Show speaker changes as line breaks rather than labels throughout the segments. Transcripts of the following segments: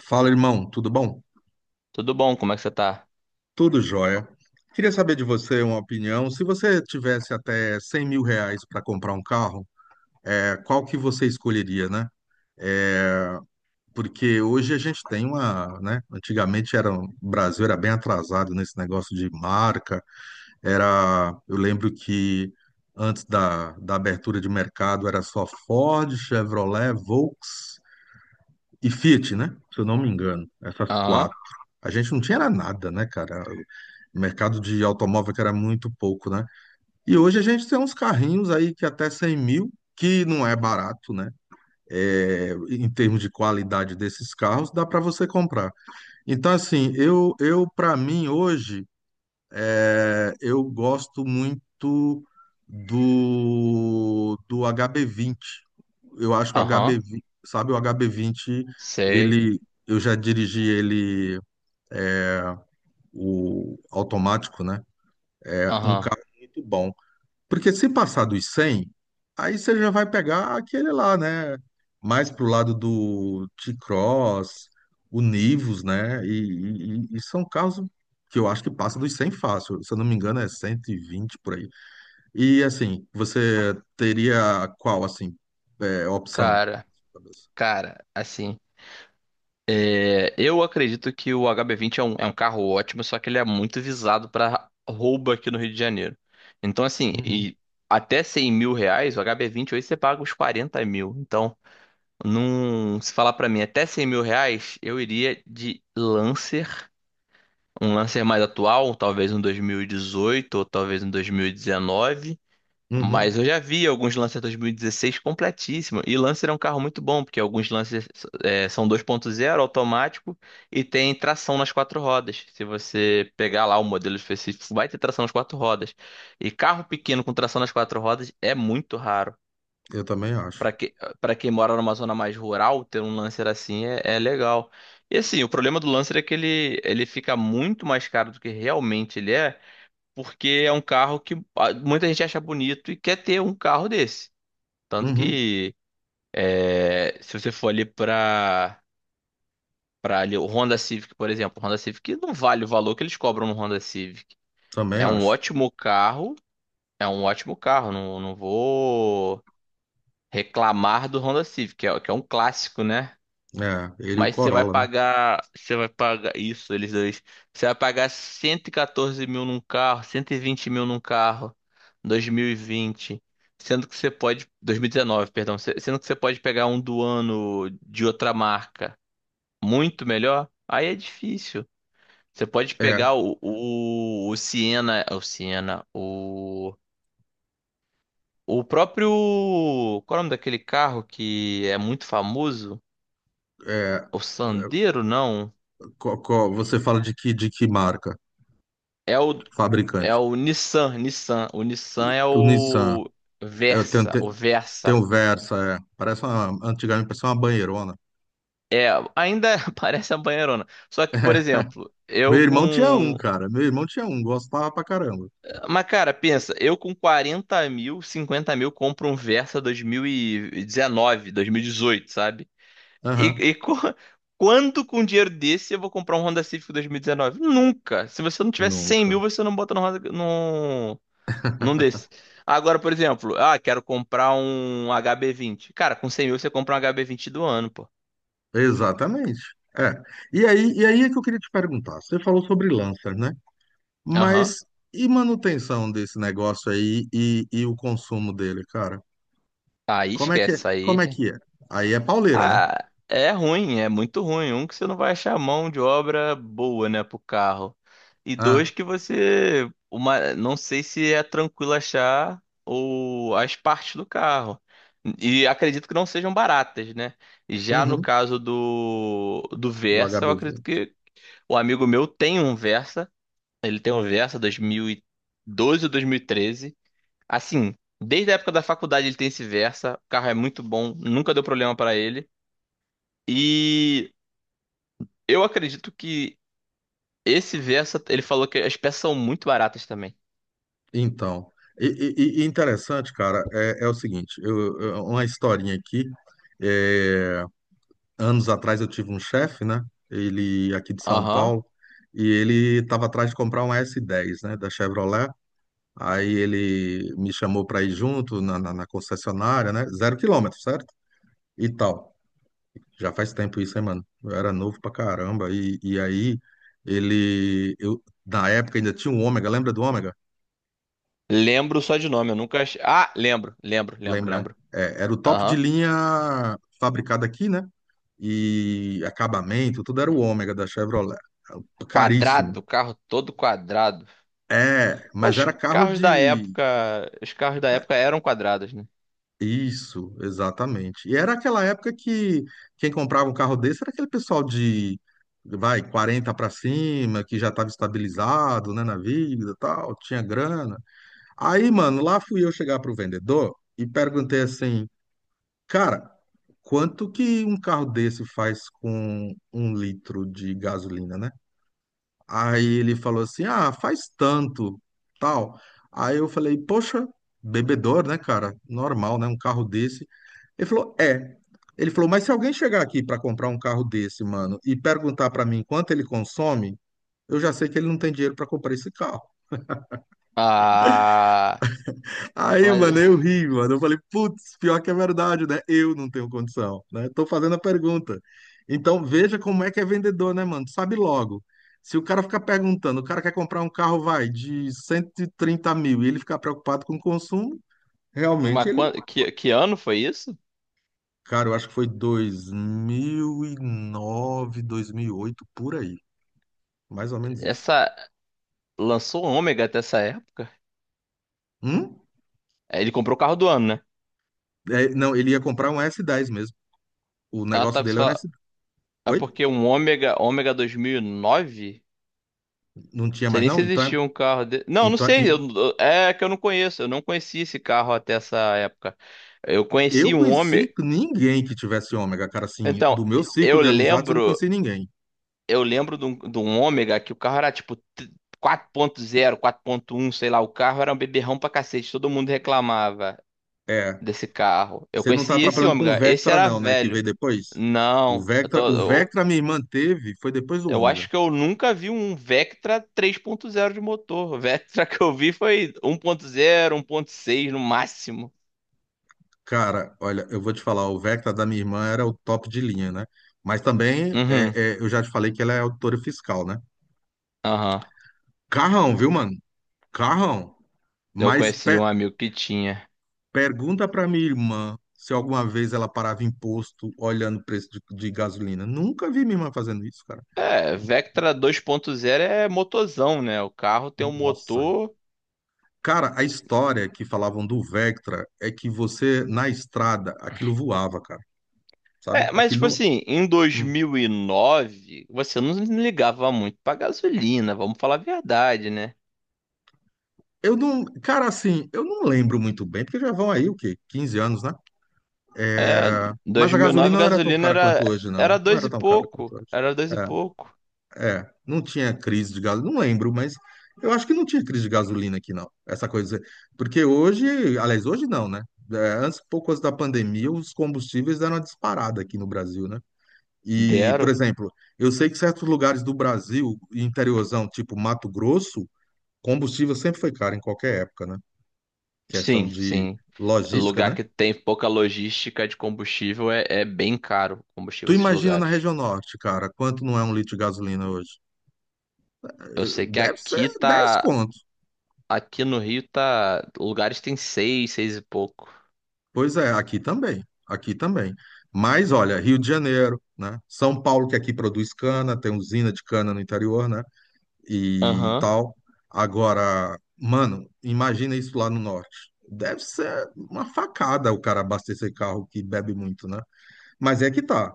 Fala, irmão, tudo bom?
Tudo bom? Como é que você tá?
Tudo jóia. Queria saber de você uma opinião. Se você tivesse até 100 mil reais para comprar um carro, qual que você escolheria, né? Porque hoje a gente tem uma, né? Antigamente era, um, o Brasil era bem atrasado nesse negócio de marca. Era, eu lembro que antes da abertura de mercado era só Ford, Chevrolet, Volks e Fiat, né? Se eu não me engano, essas
Aham,
quatro. A gente não tinha era nada, né, cara? O mercado de automóvel que era muito pouco, né? E hoje a gente tem uns carrinhos aí que até 100 mil, que não é barato, né? É, em termos de qualidade desses carros, dá para você comprar. Então, assim, eu para mim hoje eu gosto muito do HB20. Eu acho que o
aham,
HB20, sabe, o HB20,
sei.
ele, eu já dirigi ele, o automático, né? É um
Aham.
carro muito bom. Porque se passar dos 100, aí você já vai pegar aquele lá, né? Mais pro lado do T-Cross, o Nivus, né? E são carros que eu acho que passa dos 100 fácil. Se eu não me engano, é 120 por aí. E assim, você teria qual, assim, é, opção?
Cara, cara, assim, eu acredito que o HB20 é é um carro ótimo, só que ele é muito visado pra roubo aqui no Rio de Janeiro. Então, assim,
Uhum.
e até 100 mil reais, o HB20 hoje você paga uns 40 mil. Então, se falar pra mim até 100 mil reais, eu iria de Lancer. Um Lancer mais atual, talvez um 2018 ou talvez um 2019.
Uhum.
Mas eu já vi alguns Lancer 2016 completíssimo. E Lancer é um carro muito bom, porque alguns Lancers são 2.0 automático e tem tração nas quatro rodas. Se você pegar lá o modelo específico, vai ter tração nas quatro rodas. E carro pequeno com tração nas quatro rodas é muito raro.
Eu também acho.
Para que, para quem mora numa zona mais rural, ter um Lancer assim é legal. E assim, o problema do Lancer é que ele fica muito mais caro do que realmente ele é, porque é um carro que ah, muita gente acha bonito e quer ter um carro desse. Tanto
Uhum.
que se você for ali para ali o Honda Civic, por exemplo, o Honda Civic não vale o valor que eles cobram no Honda Civic.
Também
É um
acho.
ótimo carro, é um ótimo carro, não, vou reclamar do Honda Civic, que é um clássico, né?
É, ele e o
Mas
Corolla, né?
você vai pagar isso, eles dois. Você vai pagar 114 mil num carro, 120 mil num carro, dois mil e vinte. Sendo que você pode, 2019, perdão, sendo que você pode pegar um do ano de outra marca muito melhor, aí é difícil. Você pode
É,
pegar o Siena, o próprio, qual é o nome daquele carro que é muito famoso?
é, é,
O Sandero, não.
você fala de que marca?
É o, É
Fabricante.
o Nissan, Nissan. O Nissan é
O Nissan.
o
Eu tenho,
Versa,
te-
o Versa.
tenho Versa, é. Parece uma, antigamente parecia uma banheirona.
É, ainda parece uma banheirona. Só que, por exemplo,
Meu
eu
irmão tinha um,
com.
cara. Meu irmão tinha um, gostava pra caramba.
Mas, cara, pensa, eu com 40 mil, 50 mil compro um Versa 2019, 2018, sabe? E,
Aham.
e co- quando com um dinheiro desse eu vou comprar um Honda Civic 2019? Nunca! Se você não tiver 100
Nunca.
mil, você não bota no Honda, não desse. Agora, por exemplo, ah, quero comprar um HB20. Cara, com 100 mil você compra um HB20 do ano, pô.
Exatamente. É. E aí é que eu queria te perguntar. Você falou sobre lança, né?
Aham.
Mas e manutenção desse negócio aí e o consumo dele, cara?
Aí
Como é que é?
esquece,
Como
aí.
é que é? Aí é pauleira, né?
Ah, é ruim, é muito ruim. Um, que você não vai achar mão de obra boa, né, pro carro. E
Ah,
dois, que você. Uma, não sei se é tranquilo achar as partes do carro. E acredito que não sejam baratas, né? Já no
uhum,
caso do
do
Versa, eu acredito
HBV.
que o amigo meu tem um Versa. Ele tem um Versa 2012 ou 2013. Assim, desde a época da faculdade ele tem esse Versa. O carro é muito bom, nunca deu problema pra ele. E eu acredito que esse Versa, ele falou que as peças são muito baratas também.
Então, e, e interessante, cara, é o seguinte, uma historinha aqui. é, Anos atrás eu tive um chefe, né? Ele aqui de São
Aham.
Paulo, e ele estava atrás de comprar um S10, né? Da Chevrolet. Aí ele me chamou para ir junto na concessionária, né? Zero quilômetro, certo? E tal. Já faz tempo isso, hein, mano? Eu era novo pra caramba. E aí ele. Eu, na época ainda tinha um Ômega, lembra do Ômega?
Lembro só de nome, eu nunca. Ah, lembro, lembro, lembro,
Lembra, né?
lembro.
É, era o top de
Aham.
linha fabricado aqui, né? E acabamento, tudo era o Ômega da Chevrolet. Caríssimo.
Quadrado, carro todo quadrado.
É, mas
Os
era carro
carros da
de.
época, os carros da época eram quadrados, né?
Isso, exatamente. E era aquela época que quem comprava um carro desse era aquele pessoal de, vai, 40 para cima, que já estava estabilizado, né, na vida, e tal, tinha grana. Aí, mano, lá fui eu chegar pro vendedor e perguntei assim, cara, quanto que um carro desse faz com um litro de gasolina, né? Aí ele falou assim: ah, faz tanto, tal. Aí eu falei: poxa, bebedor, né, cara? Normal, né? Um carro desse. Ele falou: é. Ele falou: mas se alguém chegar aqui para comprar um carro desse, mano, e perguntar para mim quanto ele consome, eu já sei que ele não tem dinheiro para comprar esse carro.
Ah,
Aí,
mas,
mano, eu ri, mano. Eu falei, putz, pior que é verdade, né? Eu não tenho condição, né? Tô fazendo a pergunta. Então, veja como é que é vendedor, né, mano? Sabe logo. Se o cara ficar perguntando, o cara quer comprar um carro, vai, de 130 mil, e ele ficar preocupado com o consumo, realmente
mas
ele não.
que ano foi isso?
Cara, eu acho que foi dois mil e nove, 2008, por aí. Mais ou menos isso.
Essa. Lançou um Ômega até essa época?
Hum?
Aí ele comprou o carro do ano, né?
É, não, ele ia comprar um s dez mesmo. O
Ah,
negócio
tá. Que você
dele era um
fala...
S10.
É
Oi?
porque um Ômega, Ômega 2009? Não
Não tinha
sei
mais,
nem se
não? Então é.
existia um carro de... Não, não
Então,
sei. É que eu não conheço. Eu não conheci esse carro até essa época. Eu conheci
eu
um Ômega.
conheci ninguém que tivesse ômega, cara, assim, do
Então,
meu círculo
eu
de amizades eu não conheci
lembro.
ninguém.
De um Ômega que o carro era tipo quatro ponto zero, quatro ponto um, sei lá. O carro era um beberrão pra cacete. Todo mundo reclamava
É,
desse carro. Eu
você não tá
conheci esse
atrapalhando com o
Ômega. Esse
Vectra
era
não, né, que
velho.
veio depois? O
Não,
Vectra, o Vectra minha irmã teve, foi depois do
eu
ômega.
acho que eu nunca vi um Vectra três ponto zero de motor. O Vectra que eu vi foi um ponto zero, um ponto seis no máximo.
Cara, olha, eu vou te falar, o Vectra da minha irmã era o top de linha, né? Mas também,
Uhum,
eu já te falei que ela é auditora fiscal, né?
aham.
Carrão, viu, mano? Carrão.
Eu
Mas
conheci
pe-
um amigo que tinha.
pergunta pra minha irmã se alguma vez ela parava em posto olhando o preço de gasolina. Nunca vi minha irmã fazendo isso, cara.
É, Vectra dois ponto zero é motorzão, né? O carro tem um
Nossa.
motor.
Cara, a história que falavam do Vectra é que você, na estrada, aquilo voava, cara. Sabe?
É, mas
Aquilo
tipo
não.
assim, em dois
Hum.
mil e nove você não ligava muito pra gasolina, vamos falar a verdade, né?
Eu não. Cara, assim, eu não lembro muito bem, porque já vão aí o quê? 15 anos, né?
É,
É, mas
dois
a
mil e nove
gasolina não era tão
gasolina
cara quanto hoje, não.
era
Não
dois
era
e
tão cara
pouco,
quanto hoje.
era dois e pouco.
É, é. Não tinha crise de gasolina. Não lembro, mas eu acho que não tinha crise de gasolina aqui, não. Essa coisa. Porque hoje, aliás, hoje não, né? É, antes, pouco antes da pandemia, os combustíveis deram uma disparada aqui no Brasil, né? E, por
Dero?
exemplo, eu sei que certos lugares do Brasil, interiorzão, tipo Mato Grosso, combustível sempre foi caro em qualquer época, né? Questão
Sim,
de
sim.
logística,
Lugar
né?
que tem pouca logística de combustível é bem caro o combustível
Tu
nesses
imagina na
lugares.
região norte, cara, quanto não é um litro de gasolina hoje?
Eu sei que
Deve ser
aqui
10
tá.
contos.
Aqui no Rio tá. Lugares tem seis, seis e pouco.
Pois é, aqui também, aqui também. Mas olha, Rio de Janeiro, né? São Paulo, que aqui produz cana, tem usina de cana no interior, né? E
Aham,
tal. Agora, mano, imagina isso lá no norte. Deve ser uma facada o cara abastecer carro que bebe muito, né? Mas é que tá.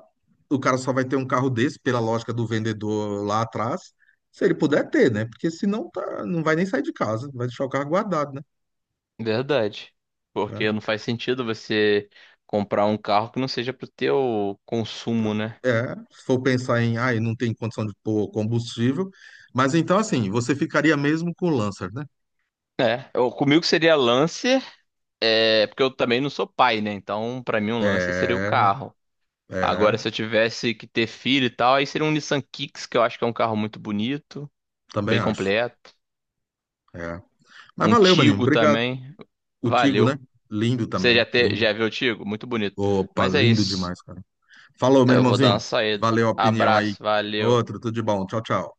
O cara só vai ter um carro desse, pela lógica do vendedor lá atrás, se ele puder ter, né? Porque senão tá, não vai nem sair de casa, vai deixar o carro guardado, né?
verdade.
É,
Porque não faz sentido você comprar um carro que não seja pro teu consumo,
pro-
né?
é, se for pensar em, ah, eu não tem condição de pôr combustível. Mas então, assim, você ficaria mesmo com o Lancer, né?
Comigo seria Lancer, é, porque eu também não sou pai, né? Então, pra mim, um Lancer seria o
É,
carro.
é,
Agora, se eu tivesse que ter filho e tal, aí seria um Nissan Kicks, que eu acho que é um carro muito bonito,
também
bem
acho.
completo.
É. Mas
Um
valeu, maninho.
Tigo
Obrigado.
também.
O Tigo, né?
Valeu.
Lindo
Você já,
também. Lindo.
já viu o Tigo? Muito bonito.
Opa,
Mas é
lindo
isso.
demais, cara. Falou, meu
Eu vou dar uma
irmãozinho.
saída.
Valeu a opinião aí.
Abraço, valeu.
Outro, tudo de bom. Tchau, tchau.